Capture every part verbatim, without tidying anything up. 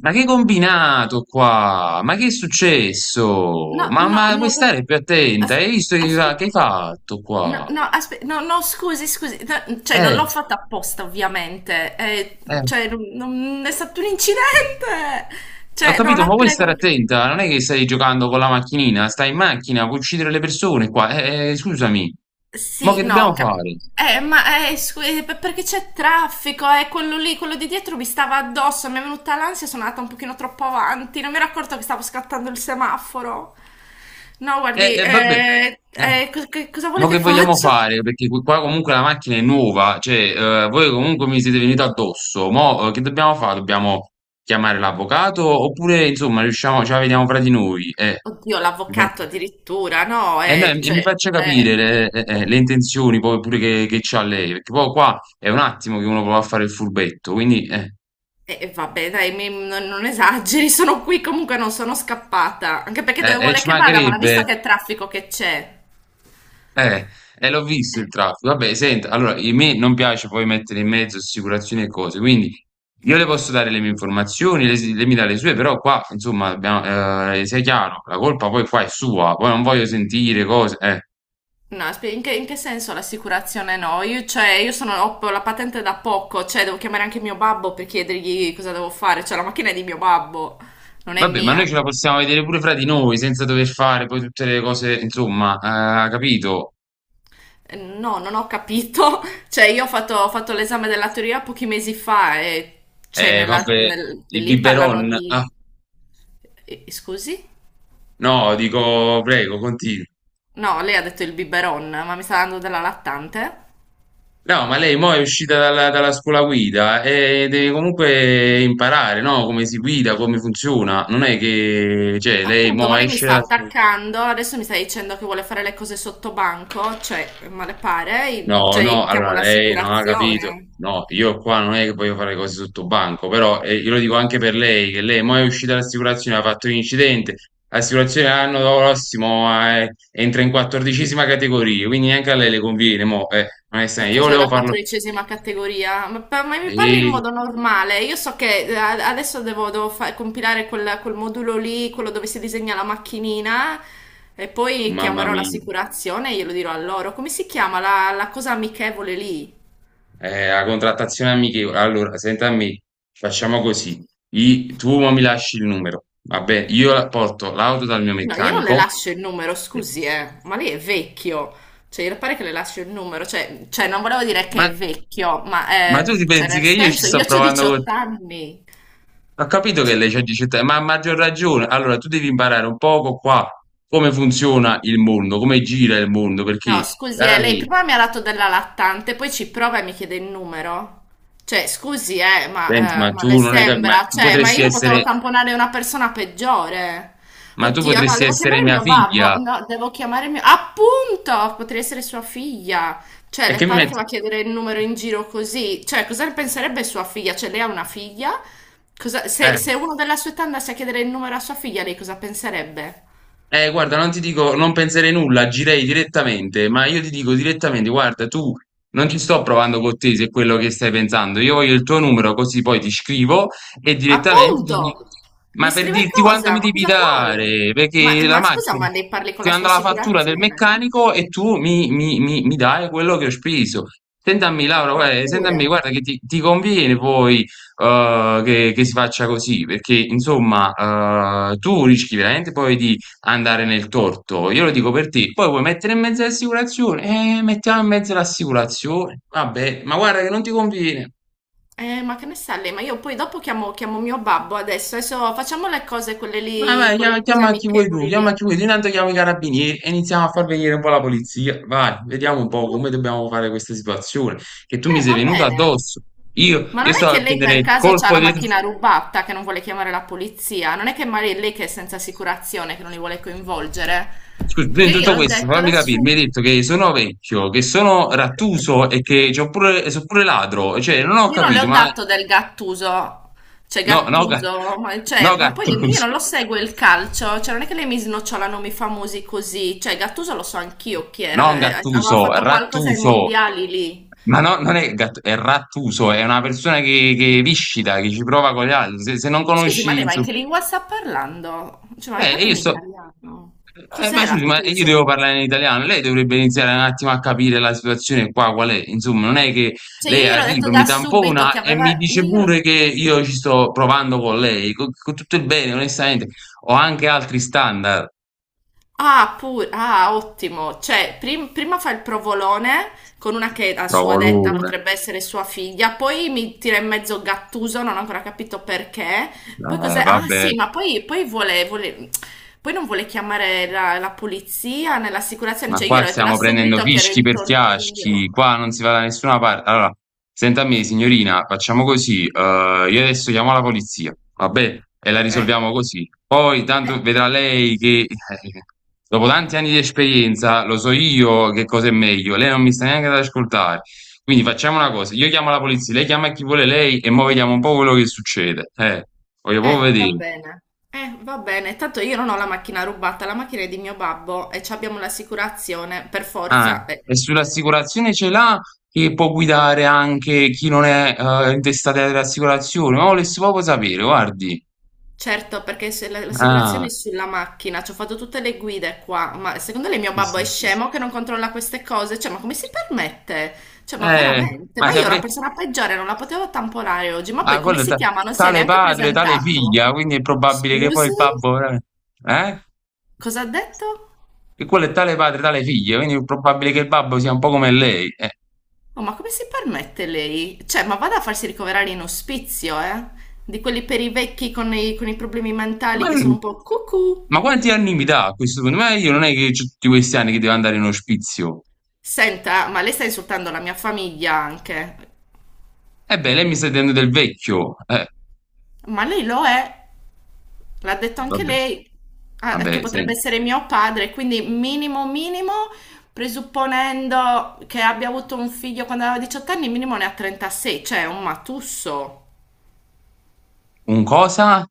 Ma che combinato qua? Ma che è No, successo? Ma, no, ma vuoi no, no, stare più attenta? as- Hai visto che, aspe- che hai fatto no, qua? no, aspe- no, no, scusi, scusi, no, cioè non Eh, l'ho fatta apposta ovviamente, eh, eh, cioè non, non- è stato un incidente, ho cioè no, capito, la ma vuoi prego, stare la prego. attenta? Non è che stai giocando con la macchinina, stai in macchina, puoi uccidere le persone qua. Eh, eh, scusami, ma Sì, che no, dobbiamo cap- fare? eh, ma eh, scusi, per- perché c'è traffico, eh, quello lì, quello di dietro mi stava addosso, mi è venuta l'ansia, sono andata un pochino troppo avanti, non mi ero accorto che stavo scattando il semaforo. No, Eh, guardi, eh, Vabbè. eh, Eh, eh, cos- che- cosa vuole ma che che vogliamo faccia? fare? Perché qui- qua comunque la macchina è nuova, cioè eh, voi comunque mi siete venuti addosso. Mo' eh, che dobbiamo fare? Dobbiamo chiamare l'avvocato oppure insomma riusciamo, ce la vediamo fra di noi? Eh, Oddio, mi fa- l'avvocato addirittura, no, eh, no, e eh, mi cioè, faccia capire eh, le, eh, eh, le intenzioni poi pure che, che c'ha lei, perché poi qua è un attimo che uno prova a fare il furbetto, quindi eh, eh, vabbè, dai, mi- non, non esageri, sono qui, comunque non sono scappata, anche perché eh, dove eh, vuole ci che vada, ma l'ha visto mancherebbe. che traffico che c'è? Eh, e l'ho visto il Eh, traffico. Vabbè, senta, allora, a me non piace poi mettere in mezzo assicurazioni e cose, quindi io le posso dare le mie informazioni, le- lei mi dà le sue, però qua, insomma, abbiamo, eh, sia chiaro, la colpa poi qua è sua, poi non voglio sentire cose, eh. No, spe- in che, in che senso l'assicurazione no? Io, cioè, io sono, ho la patente da poco, cioè, devo chiamare anche mio babbo per chiedergli cosa devo fare, cioè, la macchina è di mio babbo, non è Vabbè, ma noi mia. ce la possiamo vedere pure fra di noi, senza dover fare poi tutte le cose, insomma, eh, capito? No, non ho capito. Cioè, io ho fatto, ho fatto l'esame della teoria pochi mesi fa e cioè, Eh, nella- vabbè, nel- il lì parlano biberon. di... Ah, eh, eh, Scusi? no, dico, prego, continui. No, lei ha detto il biberon, ma mi sta dando della lattante? No, ma lei mo è uscita dalla, dalla scuola guida e deve comunque imparare, no? Come si guida, come funziona. Non è che, cioè, lei Appunto, mo ma lei mi esce sta da... attaccando, adesso mi sta dicendo che vuole fare le cose sotto banco, cioè, ma le pare? No, Cioè, io no, chiamo allora lei non ha capito. l'assicurazione. No, io qua non è che voglio fare cose sotto banco, però eh, io lo dico anche per lei, che lei mo è uscita dall'assicurazione, ha fatto un incidente. L'assicurazione l'anno prossimo eh, entra in quattordicesima categoria, quindi neanche a lei le conviene, mo, eh, Che onestamente. Io cos'è volevo la farlo... quattordicesima categoria? Ma, pa- ma mi parli in Ehi, modo normale? Io so che eh, a- adesso devo, devo fa- compilare quel, quel modulo lì, quello dove si disegna la macchinina, e poi mamma chiamerò mia. l'assicurazione e glielo dirò a loro. Come si chiama la, la cosa amichevole lì? Eh, la contrattazione amichevole. Allora, senta a me, facciamo così. I- tu mo mi lasci il numero. Vabbè, io la- porto l'auto dal mio No, io non le meccanico. lascio il numero, Eh, scusi, eh, ma lei è vecchio. Cioè, io pare che le lascio il numero, cioè, cioè, non volevo dire che Ma, è vecchio, ma ma eh, tu ti cioè, pensi nel che io ci senso, sto io ho provando diciotto con... anni. Ho capito che Cioè, lei c'ha diciotto anni, ma ha maggior ragione. Allora, tu devi imparare un poco qua come funziona il mondo, come gira il mondo, perché, no, scusi, cara eh, lei mia, prima mi ha dato della lattante, poi ci prova e mi chiede il numero. Cioè, scusi, eh, senti, ma, ma eh, ma tu le non hai capito, ma sembra? tu Cioè, ma potresti io non potevo essere, tamponare una persona peggiore. ma tu Oddio, no, potresti devo essere chiamare il mia mio babbo. figlia. No, devo chiamare il mio... Appunto! Potrei essere sua figlia. Cioè, E le che mi pare che metti? va a chiedere il numero in giro così? Cioè, cosa ne penserebbe sua figlia? Cioè, lei ha una figlia? Cosa- Se, se uno della sua età andasse a chiedere il numero a sua figlia, lei cosa penserebbe? Eh, guarda, non ti dico, non penserei nulla, agirei direttamente, ma io ti dico direttamente, guarda, tu non ci sto provando con te se è quello che stai pensando, io voglio il tuo numero così poi ti scrivo e direttamente ti dico, Appunto! ma Mi per scrive dirti quanto mi cosa? Ma devi cosa vuole? dare, Ma, perché la ma scusa, macchina ma ne parli con ti la sua manda la fattura del assicurazione, no? meccanico e tu mi, mi- mi- mi dai quello che ho speso. Sentami Laura, Ma guarda, pure. sentami, guarda che ti, ti conviene poi eh, che, che si faccia così, perché insomma eh, tu rischi veramente poi di andare nel torto. Io lo dico per te. Poi vuoi mettere in mezzo l'assicurazione? Eh, mettiamo in mezzo l'assicurazione. Vabbè, ma guarda che non ti conviene. Eh, ma che ne sa lei? Ma io poi dopo chiamo, chiamo mio babbo adesso. Adesso facciamo le cose, quelle Vai, lì, vai, chiama, quelle cose chiama chi vuoi tu, amichevoli chiama lì. chi vuoi tu. Intanto chiamo i carabinieri e iniziamo a far venire un po' la polizia. Vai, vediamo un po' come Vabbè. dobbiamo fare questa situazione. Che tu mi Eh, sei va venuto bene. addosso. Io, Ma io non è stavo che a lei prendere per il caso ha colpo la dietro. macchina rubata che non vuole chiamare la polizia? Non è che magari è lei che è senza assicurazione, che non li vuole coinvolgere? Scusa, prima Perché di io tutto gliel'ho questo, detto fammi da capire, mi hai subito. detto che sono vecchio, che sono rattuso e che c'ho pure, sono pure ladro, cioè non ho Io non le ho capito, ma dato del Gattuso, cioè no, no, Ga- Gattuso, ma, no cioè, ma poi io Gattuso, non lo seguo il calcio, cioè non è che lei mi snocciolano i famosi così, cioè Gattuso lo so anch'io chi era, non eh, aveva Gattuso, fatto qualcosa ai Rattuso, mondiali lì. ma no, non è Gattuso, è Rattuso, è una persona che, che viscida, che ci prova con gli altri, se, se non Scusi, ma conosci... lei ma in insomma... che lingua sta parlando? Cioè, ma mi Eh, parli Io in sto... italiano? eh, ma Cos'era scusi, ma io devo Gattuso? parlare in italiano, lei dovrebbe iniziare un attimo a capire la situazione qua, qual è, insomma, non è che Cioè io lei gliel'ho detto arriva, mi da subito tampona che e mi aveva... Io dice glielo- pure che io ci sto provando con lei, con, con tutto il bene, onestamente, ho anche altri standard, Ah, pure, ah, ottimo. Cioè, prim- prima fa il provolone con una che a provo sua detta l'una, potrebbe essere sua figlia, poi mi tira in mezzo Gattuso, non ho ancora capito perché. Poi eh, cos'è? Ah, vabbè. sì, ma poi, poi vuole, vuole- poi non vuole chiamare la, la polizia né l'assicurazione. Ma Cioè, io qua l'ho detto da stiamo prendendo subito che ero fischi in per torto fiaschi, io. qua non si va da nessuna parte. Allora, senta a me, signorina, facciamo così. Eh, io adesso chiamo la polizia, va bene? E la Eh, risolviamo così. Poi eh, tanto vedrà lei che eh, dopo tanti anni di esperienza lo so io che cosa è meglio. Lei non mi sta neanche ad ascoltare. Quindi facciamo una cosa, io chiamo la polizia, lei chiama chi vuole lei e mo vediamo un po' quello che succede. Eh, voglio proprio eh, va vedere. bene. Eh, va bene, tanto io non ho la macchina rubata, la macchina è di mio babbo e ci abbiamo l'assicurazione, per Ah, forza. eh. e sull'assicurazione ce l'ha che può guidare anche chi non è eh, intestato alle assicurazioni? Ma volessi proprio sapere, guardi. Certo, perché se la- l'assicurazione Ah, è sulla macchina, ci ho fatto tutte le guide qua, ma secondo lei mio sì, babbo sì, è sì. scemo che non controlla queste cose? Cioè, ma come si permette? Cioè, ma Eh, veramente? ma Ma io ero la saprei... persona peggiore, non la potevo tamponare oggi, ma poi Ma come quello è si ta- chiama? Non si è tale neanche padre, tale figlia, presentato. quindi è probabile che poi Scusi? il babbo... Eh? Eh? Cosa ha detto? Che quello è tale padre, tale figlia, quindi è probabile che il babbo sia un po' come lei. Eh, Oh, ma come si permette lei? Cioè, ma vada a farsi ricoverare in ospizio, eh? Di quelli per i vecchi con i, con i problemi mentali ma, che sono un po' cucù. ma quanti anni mi dà a questo punto? Ma io non è che ho tutti questi anni che devo andare in ospizio. Senta, ma lei sta insultando la mia famiglia anche. E beh, lei mi sta dicendo del vecchio. eh. Ma lei lo è, l'ha detto anche Vabbè, lei, ah, che vabbè, potrebbe senti. essere mio padre, quindi minimo minimo, presupponendo che abbia avuto un figlio quando aveva diciotto anni, minimo ne ha trentasei, cioè è un matusso. Un cosa?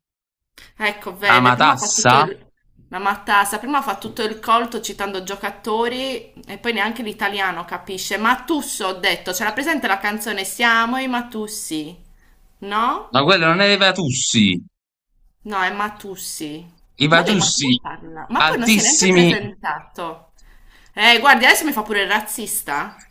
Ecco, vede, prima fa Amatassa? tutto il... La matassa, prima fa tutto il colto citando giocatori e poi neanche l'italiano capisce. Matusso, ho detto, c'era presente la canzone Siamo i Matussi, no? Ma quello non è dei Vatussi. No, è Matussi. I Ma lei, ma come Vatussi parla? Ma poi non si è neanche altissimi. presentato. Eh, guardi, adesso mi fa pure il razzista.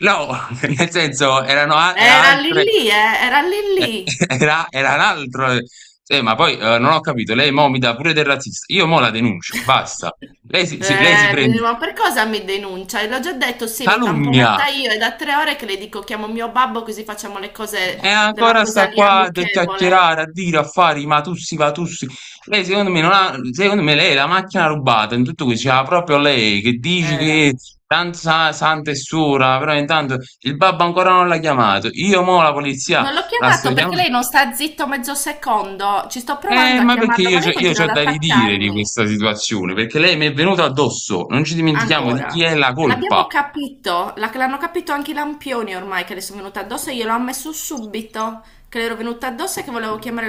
No, nel senso erano a- era Era lì altre, lì, eh, era lì eh, lì. era, era un altro. eh. Sì, ma poi eh, non ho capito, lei mo mi dà pure del razzista. Io mo la denuncio, basta. Lei si, si- lei si Eh, mi dice, prende ma per cosa mi denuncia? E l'ho già detto, sì, l'ho calunnia. tamponata io. È da tre ore che le dico, chiamo mio babbo così facciamo le cose E della ancora cosa sta lì qua a amichevole. chiacchierare, a dire, a fare i matussi, vatussi. Lei secondo me, non ha, secondo me lei è la macchina rubata in tutto questo, c'era proprio lei che dice Eh. che tanto sa- santa e suora, però intanto il babbo ancora non l'ha chiamato. Io mo la polizia Non l'ho la sto chiamato perché chiamando. lei non sta zitto mezzo secondo. Ci sto Eh, provando a ma perché chiamarlo, io, ma lei c'ho- io continua ho ad da ridire di attaccarmi. questa situazione, perché lei mi è venuta addosso, non ci dimentichiamo di chi Ancora. è la colpa. L'abbiamo capito, la- l'hanno capito anche i lampioni ormai che le sono venute addosso e glielo ho ammesso subito che le ero venuta addosso e che volevo chiamare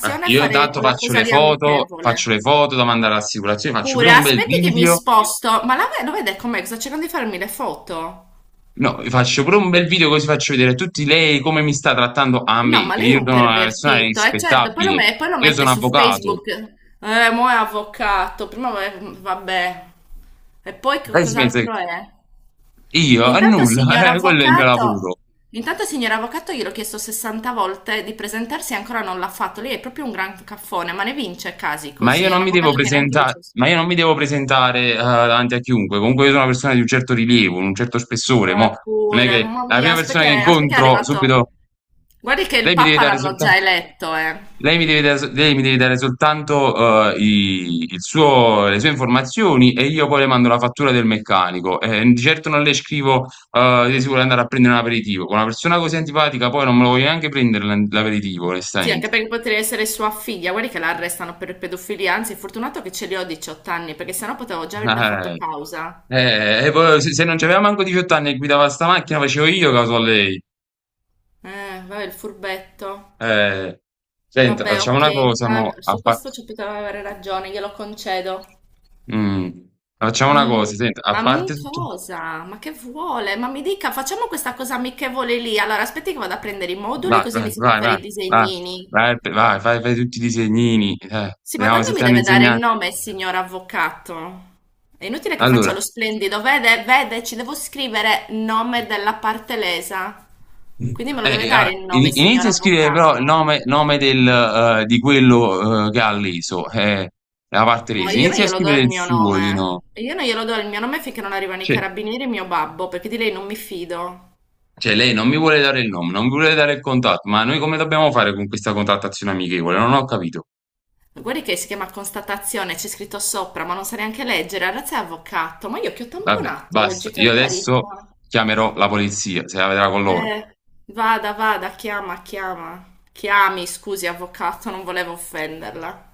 Eh, e Io fare intanto quella faccio cosa le lì foto, amichevole. faccio le foto da mandare all'assicurazione, faccio Pure, pure un bel aspetti che mi video. sposto, ma la ve- lo vede com'è? Sta cercando di farmi le foto. No, faccio pure un bel video così faccio vedere a tutti lei come mi sta trattando a No, me, ma che lei è io un sono una persona pervertito, eh certo, poi lo, rispettabile, me- poi lo io mette sono su avvocato. Facebook. Eh, mo' è avvocato, prima va- vabbè. E poi che Lei si pensa che cos'altro è? io, è Intanto, nulla. signor eh, quello è il mio avvocato, lavoro. intanto, signor avvocato, gliel'ho chiesto sessanta volte di presentarsi e ancora non l'ha fatto. Lei è proprio un gran caffone, ma ne vince casi Ma io così. non Un mi devo avvocato che neanche dice... presentare, ma io non mi devo presentare, eh, davanti a chiunque. Comunque io sono una persona di un certo rilievo, un certo spessore. "Ah, Mo, non è eppure, che mamma la mia, prima persona aspetta che che, aspetta che è incontro arrivato... subito, Guardi che il lei mi deve Papa dare l'hanno già soltanto. eletto, eh. Lei mi deve dare, so, lei mi deve dare soltanto eh, i- il suo- le sue informazioni e io poi le mando la fattura del meccanico. Eh, di certo non le scrivo eh, che si vuole andare a prendere un aperitivo. Con una persona così antipatica poi non me lo voglio neanche prendere l'an- l'aperitivo, Sì, anche onestamente. perché potrebbe essere sua figlia. Guardi che la arrestano per pedofilia. Anzi, fortunato che ce li ho diciotto anni, perché sennò potevo già averle fatto Eh, causa. eh, e poi se, se non c'aveva manco diciotto anni e guidava sta macchina facevo io caso a lei. Eh, vabbè, il furbetto. Eh, Senta, Vabbè, facciamo ok, una cosa, mo, ah, a su fa- questo ci poteva avere ragione, glielo concedo. mm, facciamo una Mm, cosa, senta, a ma mm, parte tutto... cosa? Ma che vuole? Ma mi dica, facciamo questa cosa amichevole lì. Allora, aspetti che vado a prendere i moduli Vai, così vai, iniziamo a vai, fare vai, i vai, disegnini. vai, pe- vai, fai, fai tutti i disegnini, eh, Sì, ma vediamo se tanto ti mi hanno deve dare il insegnato. nome, signor avvocato. È inutile che Allora, faccia lo splendido. Vede, vede, ci devo scrivere nome della parte lesa. Quindi me lo eh, deve eh, dare allora, il in- nome, signor inizia a scrivere però il avvocato. nome, nome del, eh, di quello, eh, che ha leso, eh, la parte No, lesa. io non Inizia a glielo do scrivere il il mio suo, di nome. no. Io non glielo do il mio nome finché non arrivano i Cioè, carabinieri e mio babbo, perché di lei non mi fido. cioè, lei non mi vuole dare il nome, non mi vuole dare il contatto, ma noi come dobbiamo fare con questa contattazione amichevole? Non ho capito. Guardi che si chiama constatazione, c'è scritto sopra, ma non sa neanche leggere. Ragazzi, è avvocato. Ma io che ho Vabbè, tamponato basta, oggi, per io adesso carità. chiamerò la polizia, se la vedrà con loro. Eh, vada, vada, chiama, chiama. Chiami, scusi, avvocato, non volevo offenderla.